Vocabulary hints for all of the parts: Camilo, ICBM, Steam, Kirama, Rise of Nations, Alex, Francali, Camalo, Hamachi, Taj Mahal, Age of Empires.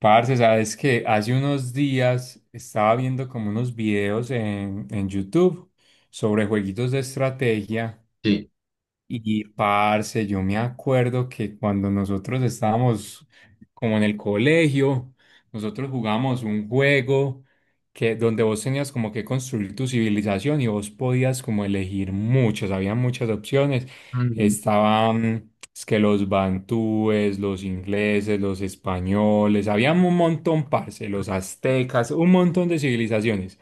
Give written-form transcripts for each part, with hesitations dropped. Parce, sabes que hace unos días estaba viendo como unos videos en YouTube sobre jueguitos de estrategia. Sí. Y parce, yo me acuerdo que cuando nosotros estábamos como en el colegio, nosotros jugamos un juego que donde vos tenías como que construir tu civilización y vos podías como elegir muchos, había muchas opciones. Mm, Estaban es que los bantúes, los ingleses, los españoles, había un montón, parce, los aztecas, un montón de civilizaciones.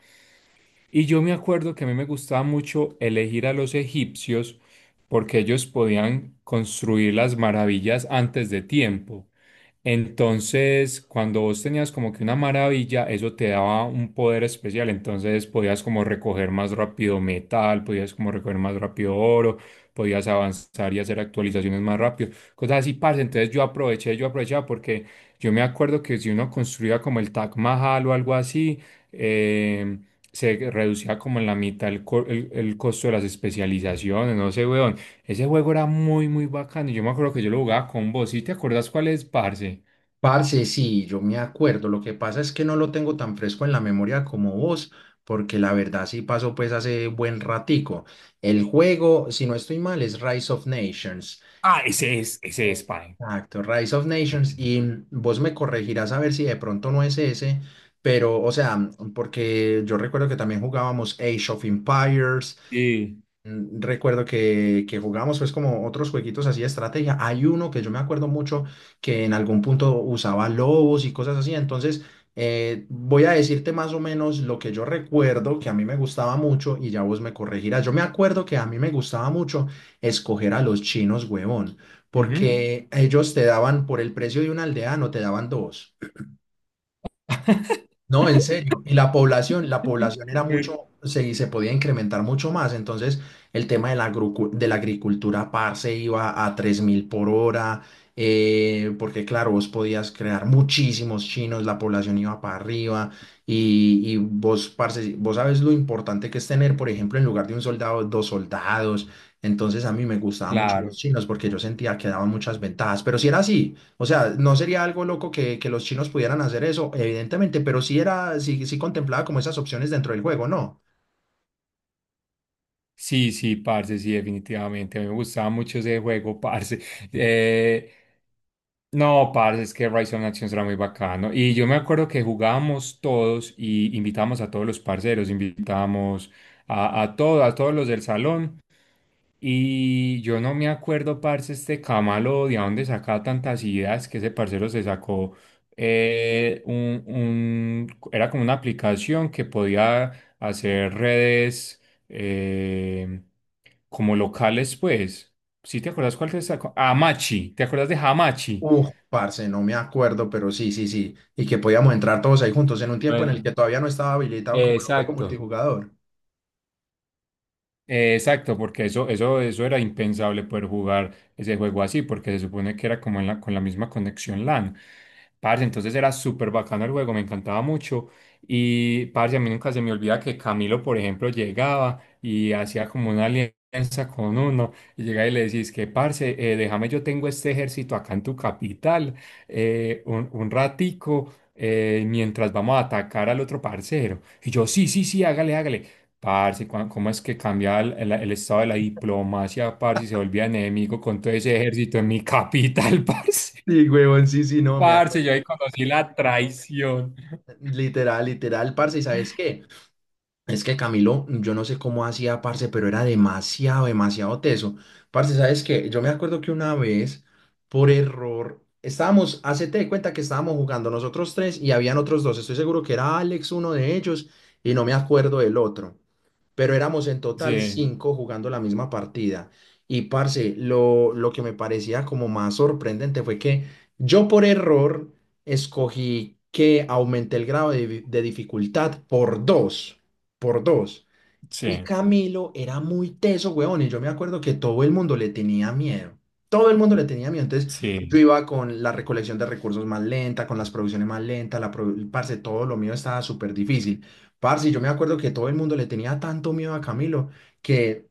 Y yo me acuerdo que a mí me gustaba mucho elegir a los egipcios porque ellos podían construir las maravillas antes de tiempo. Entonces, cuando vos tenías como que una maravilla, eso te daba un poder especial. Entonces podías como recoger más rápido metal, podías como recoger más rápido oro, podías avanzar y hacer actualizaciones más rápido. Cosas así, parce. Entonces yo aproveché, yo aprovechaba porque yo me acuerdo que si uno construía como el Taj Mahal o algo así, eh, se reducía como en la mitad el costo de las especializaciones, no sé, weón. Ese juego era muy, muy bacano. Yo me acuerdo que yo lo jugaba con vos. ¿Sí te acordás cuál es, parce? Parce, sí, yo me acuerdo. Lo que pasa es que no lo tengo tan fresco en la memoria como vos, porque la verdad sí pasó pues hace buen ratico. El juego, si no estoy mal, es Rise of Nations. Ah, ese es, Pine. Exacto, Rise of Nations. Y vos me corregirás a ver si de pronto no es ese, pero, o sea, porque yo recuerdo que también jugábamos Age of Empires. Sí. Recuerdo que jugamos pues como otros jueguitos así de estrategia. Hay uno que yo me acuerdo mucho que en algún punto usaba lobos y cosas así. Entonces voy a decirte más o menos lo que yo recuerdo que a mí me gustaba mucho y ya vos me corregirás. Yo me acuerdo que a mí me gustaba mucho escoger a los chinos, huevón, Ujú. porque ellos te daban por el precio de una aldea, no te daban dos. No, en serio. Y la población era Primer- mucho, se podía incrementar mucho más. Entonces, el tema de de la agricultura par se iba a 3.000 por hora, porque claro, vos podías crear muchísimos chinos, la población iba para arriba. Y vos, parce, vos sabes lo importante que es tener, por ejemplo, en lugar de un soldado, dos soldados. Entonces, a mí me gustaban mucho los Claro. chinos porque yo sentía que daban muchas ventajas. Pero si era así. O sea, no sería algo loco que los chinos pudieran hacer eso, evidentemente, pero sí era, sí, sí contemplaba como esas opciones dentro del juego, ¿no? Sí, sí, parce, sí, definitivamente. Me gustaba mucho ese juego, parce. Eh, no, parce, es que Rise of Nations era muy bacano. Y yo me acuerdo que jugábamos todos y invitábamos a todos los parceros, invitábamos a todos los del salón. Y yo no me acuerdo, parce, este Camalo, de a dónde sacaba tantas ideas que ese parcero se sacó. Era como una aplicación que podía hacer redes eh, como locales, pues. ¿Sí te acuerdas cuál te sacó? Hamachi, ¿te acuerdas de Hamachi? Uf, parce, no me acuerdo, pero sí, sí, sí. Y que podíamos entrar todos ahí juntos en un tiempo en el Bueno, que todavía no estaba habilitado como lo fue con exacto. multijugador. Exacto, porque eso era impensable poder jugar ese juego así, porque se supone que era como en la, con la misma conexión LAN. Parce, entonces era súper bacano el juego, me encantaba mucho. Y parce, a mí nunca se me olvida que Camilo, por ejemplo, llegaba y hacía como una alianza con uno, y llegaba y le decís que, parce, déjame, yo tengo este ejército acá en tu capital, un ratico, mientras vamos a atacar al otro parcero. Y yo, sí, sí, sí, hágale, hágale. Parce, cua- ¿cómo es que cambia el estado de la diplomacia, parce, y se volvía enemigo con todo ese ejército en mi capital, parce? Sí, huevón, sí, sí, no, me Parce, acuerdo. yo ahí conocí la traición. Literal, literal, parce, ¿y sabes qué? Es que Camilo, yo no sé cómo hacía, parce, pero era demasiado, demasiado teso. Parce, ¿sabes qué? Yo me acuerdo que una vez, por error, estábamos, hacete de cuenta que estábamos jugando nosotros tres y habían otros dos. Estoy seguro que era Alex uno de ellos y no me acuerdo del otro. Pero éramos en total Sí, cinco jugando la misma partida. Y parce, lo que me parecía como más sorprendente fue que yo por error escogí que aumenté el grado de, de dificultad por dos por dos. sí, Y Camilo era muy teso, weón, y yo me acuerdo que todo el mundo le tenía miedo. Todo el mundo le tenía miedo. Entonces sí, yo sí. iba con la recolección de recursos más lenta, con las producciones más lentas, parce, todo lo mío estaba súper difícil. Parce, yo me acuerdo que todo el mundo le tenía tanto miedo a Camilo que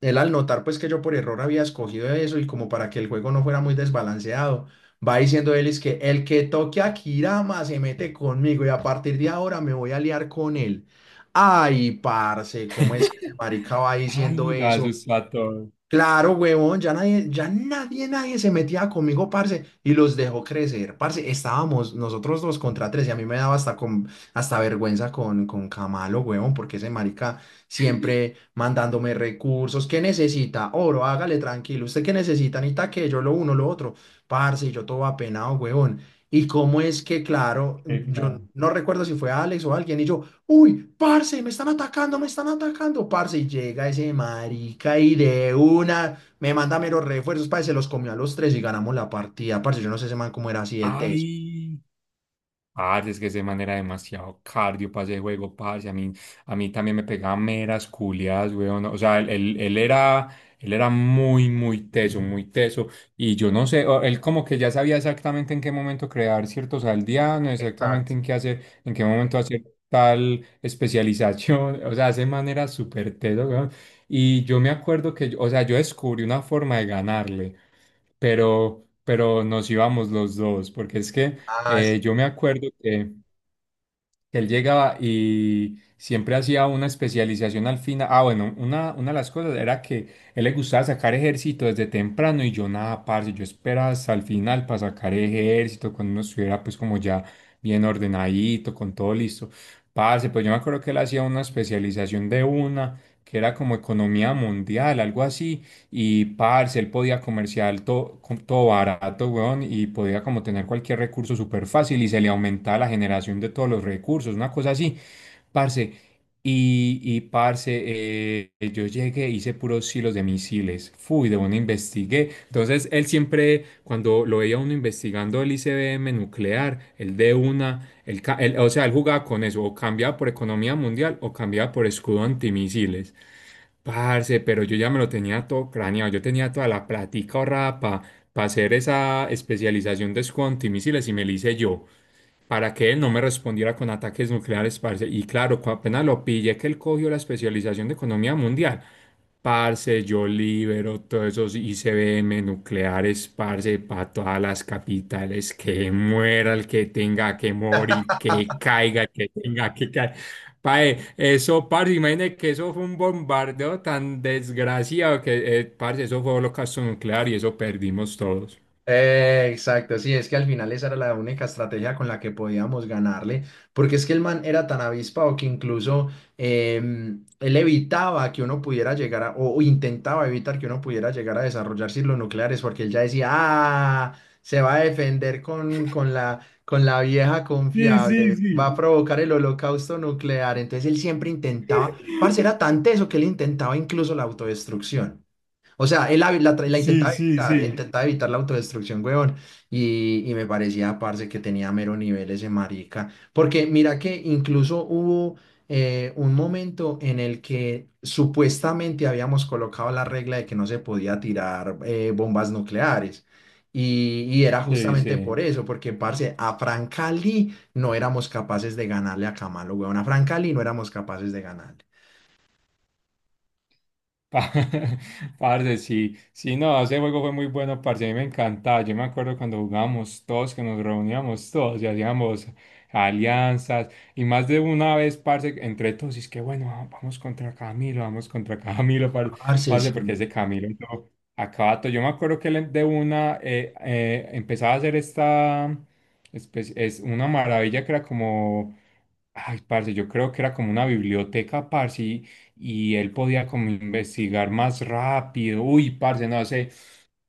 él al notar pues que yo por error había escogido eso y como para que el juego no fuera muy desbalanceado, va diciendo él es que el que toque a Kirama se mete conmigo y a partir de ahora me voy a liar con él. Ay, parce, ¿cómo es que ese marica va diciendo Ay, lo eso? asustó a todo. Claro, huevón, ya nadie, nadie se metía conmigo, parce, y los dejó crecer. Parce, estábamos nosotros dos contra tres y a mí me daba hasta, hasta vergüenza con Camalo, huevón, porque ese marica siempre mandándome recursos. ¿Qué necesita? Oro, hágale tranquilo. ¿Usted qué necesita? Necesita que yo lo uno, lo otro. Parce, y yo todo apenado, huevón. Y cómo es que, claro, Qué yo cabrón. no recuerdo si fue Alex o alguien, y yo. Uy, parce, me están atacando, parce. Y llega ese marica y de una me manda meros refuerzos, parce. Se los comió a los tres y ganamos la partida, parce. Yo no sé ese man cómo era así de teso. Ay. Parce, es que ese man era demasiado cardio para ese juego, parce. A mí también me pegaba meras culiadas, weón. O sea, él era muy, muy teso, muy teso. Y yo no sé, o- él como que ya sabía exactamente en qué momento crear ciertos aldeanos, exactamente Exacto. en qué hacer, en qué momento hacer tal especialización. O sea, ese man era súper teso, weón. Y yo me acuerdo que, yo- o sea, yo descubrí una forma de ganarle pero nos íbamos los dos, porque es que Ah, yo me acuerdo que él llegaba y siempre hacía una especialización al final. Ah, bueno, una de las cosas era que él le gustaba sacar ejército desde temprano y yo nada, parce, yo esperaba hasta el final para sacar ejército, cuando uno estuviera pues como ya bien ordenadito, con todo listo. Parce, pues yo me acuerdo que él hacía una especialización de una, que era como economía mundial, algo así, y parce, él podía comerciar todo, todo barato, weón, y podía como tener cualquier recurso súper fácil y se le aumentaba la generación de todos los recursos, una cosa así, parce. Y parce, yo llegué, hice puros silos de misiles, fui, de una investigué. Entonces, él siempre, cuando lo veía uno investigando el ICBM nuclear, el de una, o sea, él jugaba con eso, o cambiaba por economía mundial o cambiaba por escudo antimisiles. Parce, pero yo ya me lo tenía todo craneado, yo tenía toda la platica ahorrada para hacer esa especialización de squad antimisiles y me la hice yo para que él no me respondiera con ataques nucleares, parce. Y claro, cu- apenas lo pillé que él cogió la especialización de economía mundial. Parce, yo libero todos esos ICBM nucleares, parce, para todas las capitales, que muera el que tenga que morir, que caiga el que tenga que caer. Pae, eso, parce, imagínate que eso fue un bombardeo tan desgraciado que, parce, eso fue holocausto nuclear y eso perdimos todos. Exacto, sí, es que al final esa era la única estrategia con la que podíamos ganarle, porque es que el man era tan avispado que incluso él evitaba que uno pudiera llegar a, o intentaba evitar que uno pudiera llegar a desarrollar silos nucleares, porque él ya decía, ah, se va a defender con la vieja Sí, sí, confiable, va a sí. provocar el holocausto nuclear, entonces él siempre intentaba, parce, era tan teso que él intentaba incluso la autodestrucción. O sea, él la Sí, sí, sí. intentaba evitar la autodestrucción, huevón. Y me parecía, parce, que tenía mero nivel ese marica. Porque mira que incluso hubo un momento en el que supuestamente habíamos colocado la regla de que no se podía tirar bombas nucleares. Y era Sí, justamente por sí. eso, porque, parce, a Francali no éramos capaces de ganarle a Camalo, huevón. A Francali no éramos capaces de ganarle. Pa- Parce, sí, sí, no, ese juego fue muy bueno, parce, a mí me encantaba, yo me acuerdo cuando jugábamos todos, que nos reuníamos todos y hacíamos alianzas, y más de una vez, parce, entre todos, y es que bueno, ah, vamos contra Camilo, vamos contra Camilo, par- Parce, parce, sí. porque ese Camilo, no, acaba todo, yo me acuerdo que él de una empezaba a hacer esta, espe- es una maravilla que era como... Ay, parce, yo creo que era como una biblioteca, parce, y él podía como investigar más rápido. Uy, parce, no sé.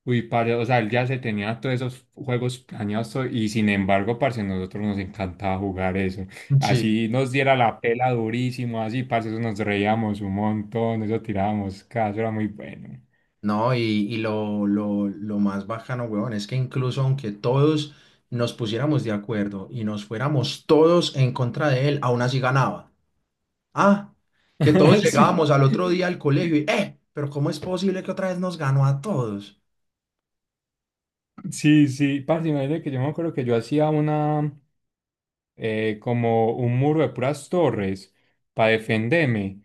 Uy, parce, o sea, él ya se tenía todos esos juegos planeados todo, y sin embargo, parce, nosotros nos encantaba jugar eso. Sí. Así nos diera la pela durísimo, así, parce, eso nos reíamos un montón, eso tirábamos, cada eso era muy bueno. No, lo más bacano, weón, es que incluso aunque todos nos pusiéramos de acuerdo y nos fuéramos todos en contra de él, aún así ganaba. Ah, que todos Sí. llegábamos al otro día al colegio y, pero ¿cómo es posible que otra vez nos ganó a todos? Sí, sí, parce, imagínate que yo me acuerdo que yo hacía una. Como un muro de puras torres para defenderme.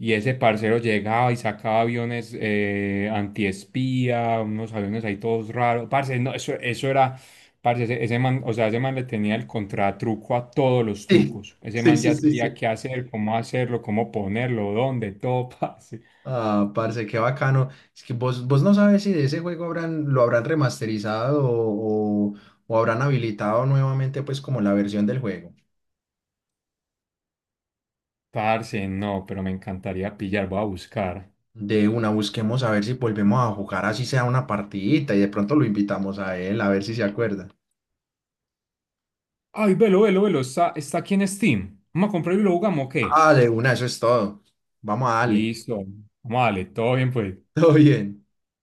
Y ese parcero llegaba y sacaba aviones antiespía, unos aviones ahí todos raros. Parce, no, eso era, parce, ese man, o sea, ese man le tenía el contratruco a todos los Sí, trucos. Ese sí, man sí, ya sí, sabía sí. qué hacer, cómo hacerlo, cómo ponerlo, dónde, todo, parce. Ah, parce, qué bacano. Es que vos, vos no sabes si de ese juego habrán, lo habrán remasterizado o, o habrán habilitado nuevamente, pues, como la versión del juego. Parce, no, pero me encantaría pillar, voy a buscar. De una, busquemos a ver si volvemos a jugar así sea una partidita y de pronto lo invitamos a él a ver si se acuerda. Ay, velo, velo, velo, está aquí en Steam. Vamos a comprarlo y lo jugamos, ¿o qué? Ah, de una, eso es todo. Vamos a darle. Listo. Vamos a darle, todo bien, pues. Todo bien.